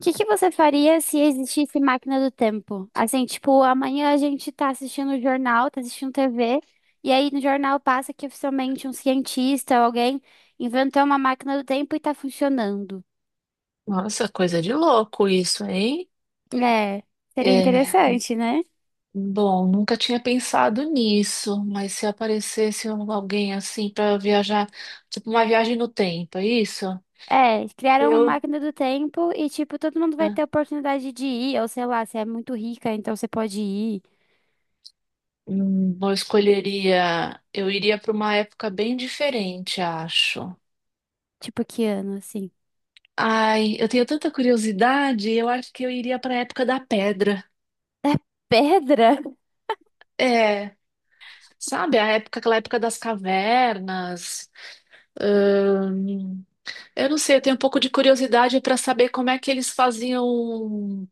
O que que você faria se existisse máquina do tempo? Assim, tipo, amanhã a gente tá assistindo o jornal, tá assistindo TV, e aí no jornal passa que oficialmente um cientista ou alguém inventou uma máquina do tempo e tá funcionando. Nossa, coisa de louco isso, hein? É, seria É, interessante, né? bom, nunca tinha pensado nisso, mas se aparecesse alguém assim para viajar, tipo uma viagem no tempo, é isso? É, criaram uma Eu, máquina do tempo e, tipo, todo mundo vai né, ter oportunidade de ir, ou sei lá, você é muito rica, então você pode ir. Eu escolheria, eu iria para uma época bem diferente, acho. Tipo, que ano, assim? Ai, eu tenho tanta curiosidade, eu acho que eu iria para a época da pedra. Pedra? É, sabe, a época, aquela época das cavernas. Eu não sei, eu tenho um pouco de curiosidade para saber como é que eles faziam.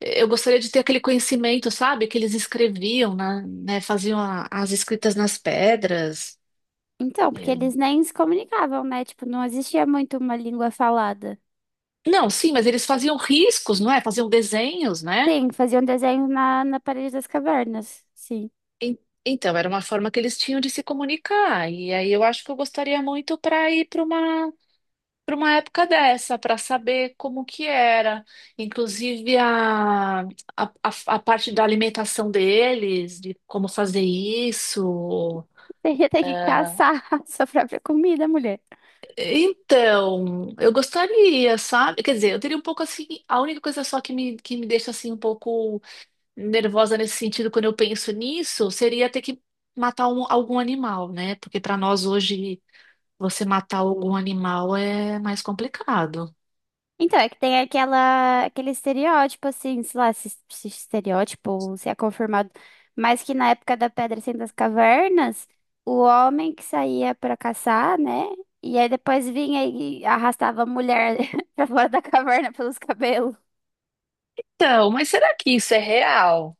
Eu gostaria de ter aquele conhecimento, sabe? Que eles escreviam, né? Faziam as escritas nas pedras. Então, porque É. eles nem se comunicavam, né? Tipo, não existia muito uma língua falada. Não, sim, mas eles faziam riscos, não é? Faziam desenhos, né? Sim, faziam desenho na parede das cavernas. Sim. En- Então, era uma forma que eles tinham de se comunicar. E aí eu acho que eu gostaria muito para ir para uma época dessa, para saber como que era, inclusive a parte da alimentação deles, de como fazer isso. teria ter que É, caçar a sua própria comida, mulher. então, eu gostaria, sabe? Quer dizer, eu teria um pouco assim, a única coisa só que me deixa assim um pouco nervosa nesse sentido quando eu penso nisso, seria ter que matar algum animal, né? Porque para nós hoje você matar algum animal é mais complicado. Então, é que tem aquela, aquele estereótipo, assim, sei lá, se estereótipo, ou se é confirmado, mas que na época da Pedra sem das Cavernas, o homem que saía pra caçar, né? E aí depois vinha e arrastava a mulher pra fora da caverna pelos cabelos. Então, mas será que isso é real?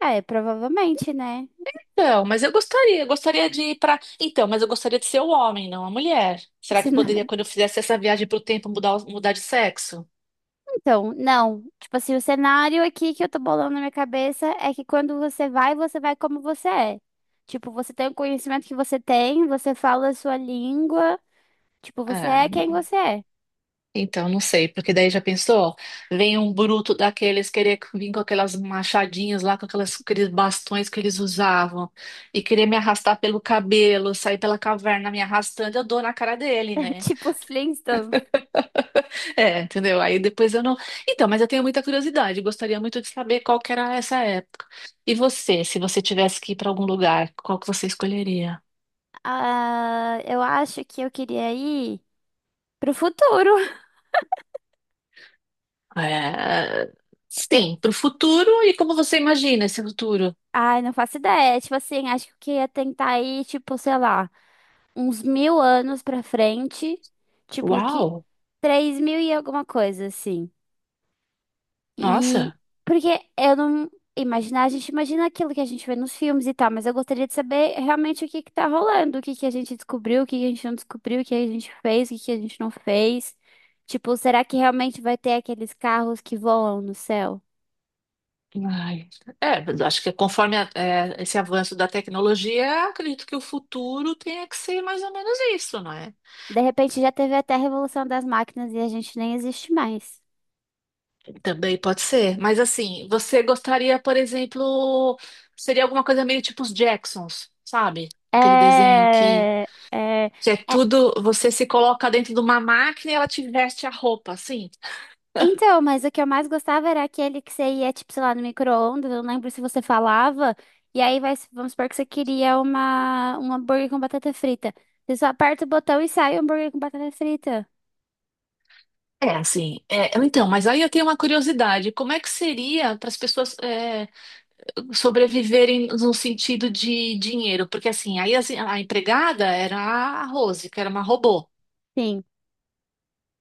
Ah, é, provavelmente, né? Então, mas eu gostaria de ir para. Então, mas eu gostaria de ser o homem, não a mulher. Será Se que não- poderia, quando eu fizesse essa viagem pro tempo, mudar de sexo? Então, não. Tipo assim, o cenário aqui que eu tô bolando na minha cabeça é que quando você vai como você é. Tipo, você tem o conhecimento que você tem, você fala a sua língua, tipo, você Ah, é quem você é. então não sei, porque daí já pensou? Vem um bruto daqueles querer vir com aquelas machadinhas lá, com aquelas, aqueles bastões que eles usavam, e querer me arrastar pelo cabelo, sair pela caverna me arrastando, eu dou na cara dele, né? Tipo os Flintstones. É, entendeu? Aí depois eu não. Então, mas eu tenho muita curiosidade, gostaria muito de saber qual que era essa época. E você, se você tivesse que ir para algum lugar, qual que você escolheria? Ah, eu acho que eu queria ir pro futuro. É. Eu- Sim, para o futuro e como você imagina esse futuro? Ai, não faço ideia. Tipo assim, acho que eu ia tentar ir, tipo, sei lá, uns 1000 anos pra frente. Tipo, que... Uau! 3000 e alguma coisa, assim. E Nossa! porque eu não imaginar, a gente imagina aquilo que a gente vê nos filmes e tal, mas eu gostaria de saber realmente o que que tá rolando, o que que a gente descobriu, o que que a gente não descobriu, o que a gente fez, o que que a gente não fez. Tipo, será que realmente vai ter aqueles carros que voam no céu? Ai. É, mas acho que conforme esse avanço da tecnologia, acredito que o futuro tenha que ser mais ou menos isso, não é? De repente já teve até a revolução das máquinas e a gente nem existe mais. Também pode ser. Mas assim, você gostaria, por exemplo, seria alguma coisa meio tipo os Jacksons, sabe? Aquele desenho É, é, que é é. tudo, você se coloca dentro de uma máquina e ela te veste a roupa, assim. Então, mas o que eu mais gostava era aquele que você ia, tipo, sei lá, no micro-ondas, eu não lembro se você falava, e aí vai, vamos supor que você queria uma, um hambúrguer com batata frita. Você só aperta o botão e sai o hambúrguer com batata frita. É, assim. É, então, mas aí eu tenho uma curiosidade. Como é que seria para as pessoas é, sobreviverem no sentido de dinheiro? Porque assim, aí assim, a empregada era a Rose, que era uma robô. Sim.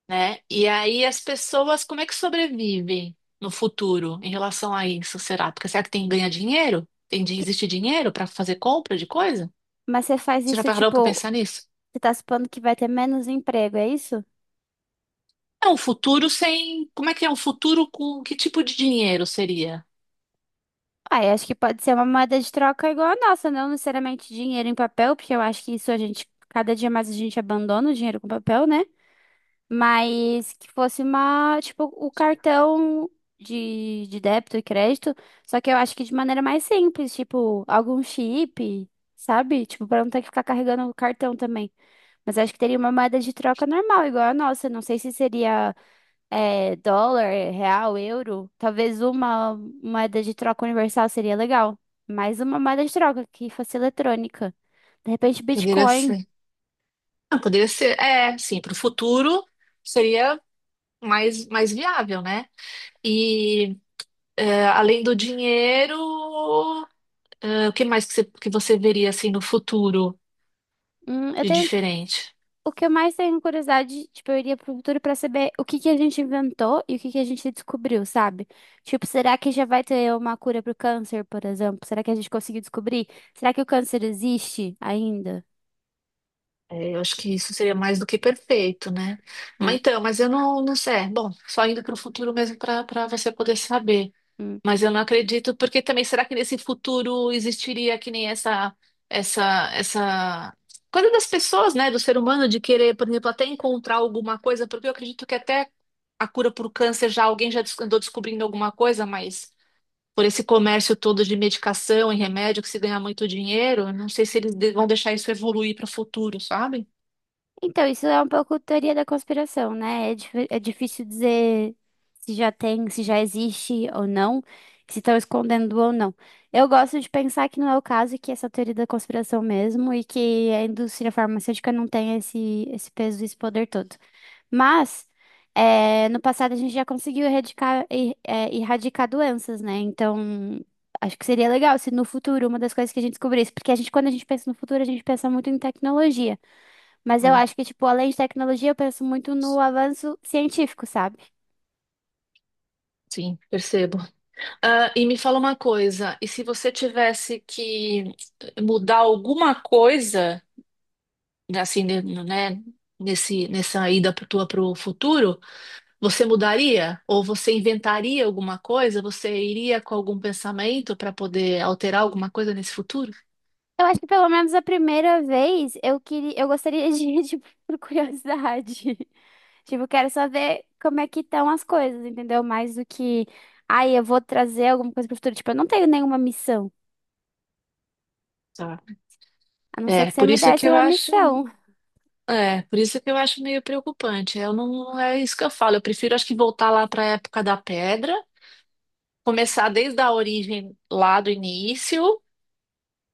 Né? E aí as pessoas, como é que sobrevivem no futuro em relação a isso, será? Porque será que tem ganha dinheiro? Tem de Que- existir dinheiro para fazer compra de coisa? Mas você faz Você já isso, parou para tipo, pensar nisso? você tá supondo que vai ter menos emprego, é isso? É um futuro sem, como é que é um futuro com que tipo de dinheiro seria? Ah, eu acho que pode ser uma moeda de troca igual a nossa, não necessariamente dinheiro em papel, porque eu acho que isso a gente, cada dia mais a gente abandona o dinheiro com papel, né? Mas que fosse uma, tipo, o cartão de débito e crédito, só que eu acho que de maneira mais simples, tipo, algum chip, sabe? Tipo, pra não ter que ficar carregando o cartão também. Mas acho que teria uma moeda de troca normal, igual a nossa. Não sei se seria, é, dólar, real, euro. Talvez uma moeda de troca universal seria legal. Mais uma moeda de troca que fosse eletrônica. De repente, Poderia Bitcoin. ser. Não, poderia ser, é, sim, para o futuro seria mais viável, né? E é, além do dinheiro, é, o que mais que você veria assim no futuro Eu de tenho diferente? O que eu mais tenho curiosidade, tipo, eu iria pro futuro pra saber o que que a gente inventou e o que que a gente descobriu, sabe? Tipo, será que já vai ter uma cura pro câncer, por exemplo? Será que a gente conseguiu descobrir? Será que o câncer existe ainda? É, eu acho que isso seria mais do que perfeito, né? Mas Ah, então, mas eu não, não sei. É, bom, só indo para o futuro mesmo para você poder saber. hum. Mas eu não acredito, porque também será que nesse futuro existiria que nem essa coisa das pessoas, né, do ser humano de querer, por exemplo, até encontrar alguma coisa, porque eu acredito que até a cura para o câncer já alguém já andou descobrindo alguma coisa, mas por esse comércio todo de medicação e remédio que se ganha muito dinheiro, eu não sei se eles vão deixar isso evoluir para o futuro, sabe? Então, isso é um pouco teoria da conspiração, né? É, é difícil dizer se já tem, se já existe ou não, se estão escondendo ou não. Eu gosto de pensar que não é o caso, e que essa teoria da conspiração mesmo, e que a indústria farmacêutica não tem esse peso e esse poder todo. Mas, no passado a gente já conseguiu erradicar doenças, né? Então, acho que seria legal se no futuro uma das coisas que a gente descobrisse, porque a gente, quando a gente pensa no futuro, a gente pensa muito em tecnologia. Mas eu Hum, acho que, tipo, além de tecnologia, eu penso muito no avanço científico, sabe? Sim, percebo. Ah, e me fala uma coisa, e se você tivesse que mudar alguma coisa, né, assim, né, nesse, nessa ida tua para o futuro, você mudaria? Ou você inventaria alguma coisa? Você iria com algum pensamento para poder alterar alguma coisa nesse futuro? Eu acho que pelo menos a primeira vez eu queria, eu gostaria de, tipo, por curiosidade. Tipo, quero só ver como é que estão as coisas, entendeu? Mais do que, ai, eu vou trazer alguma coisa pro futuro. Tipo, eu não tenho nenhuma missão. Tá. A não ser É, que você por me isso que desse eu uma acho, missão. é, por isso que eu acho meio preocupante. Eu não é isso que eu falo. Eu prefiro, acho que voltar lá para a época da pedra começar desde a origem lá do início,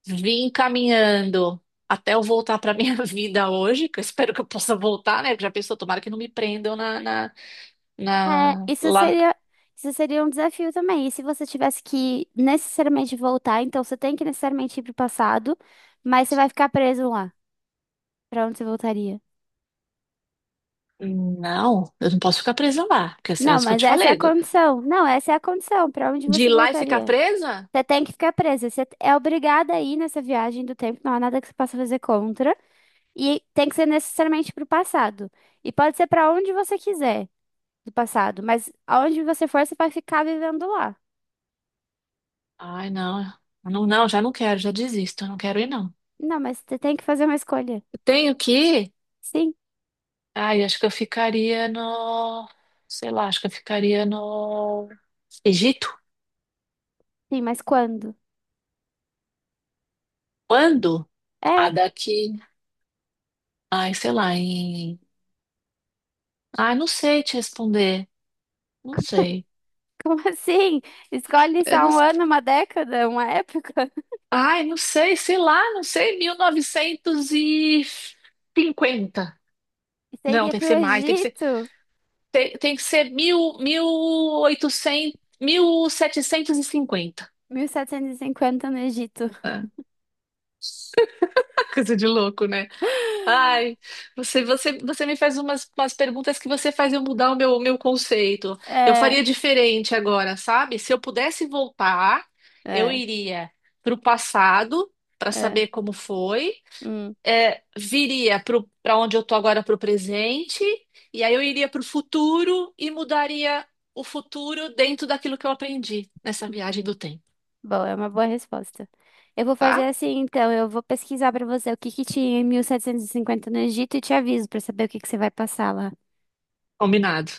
vim caminhando até eu voltar para minha vida hoje, que eu espero que eu possa voltar, né? Já pensou, tomara que não me prendam na, na, É, na- lá. Isso seria um desafio também. E se você tivesse que necessariamente voltar, então você tem que necessariamente ir pro passado, mas você vai ficar preso lá. Pra onde você voltaria? Não, eu não posso ficar presa lá, porque assim, é Não, isso que eu mas te essa é a falei. condição. Não, essa é a condição. Pra onde De ir você lá e ficar voltaria? presa? Você tem que ficar presa. Você é obrigada a ir nessa viagem do tempo. Não há nada que você possa fazer contra. E tem que ser necessariamente pro passado. E pode ser pra onde você quiser do passado. Mas aonde você for, você vai ficar vivendo lá. Ai, não, não, não, já não quero, já desisto, eu não quero ir, não. Não, mas você tem que fazer uma escolha. Eu tenho que ir? Sim, Ai, acho que eu ficaria no, sei lá, acho que eu ficaria no Egito. sim, mas quando? Quando? É, Ah, daqui. Ai, sei lá. Ai, não sei te responder. Não sei. como assim? Escolhe Eu só não- um ano, uma década, uma época? Ai, não sei, sei lá, não sei, 1950. Você Não, iria tem pro que ser mais, tem que ser, Egito? tem, tem que ser mil setecentos e cinquenta. 1750 no Egito. É, coisa de louco, né? Ai, você, você, você me faz umas perguntas que você faz eu mudar o meu conceito. Eu É, faria diferente agora, sabe? Se eu pudesse voltar, eu é, iria para o passado para é. saber como foi, Hum, é, viria para onde eu tô agora para o presente, e aí eu iria para o futuro e mudaria o futuro dentro daquilo que eu aprendi nessa viagem do tempo, bom, é uma boa resposta. Eu vou fazer tá? assim, então, eu vou pesquisar pra você o que que tinha em 1750 no Egito e te aviso pra saber o que que você vai passar lá. Combinado.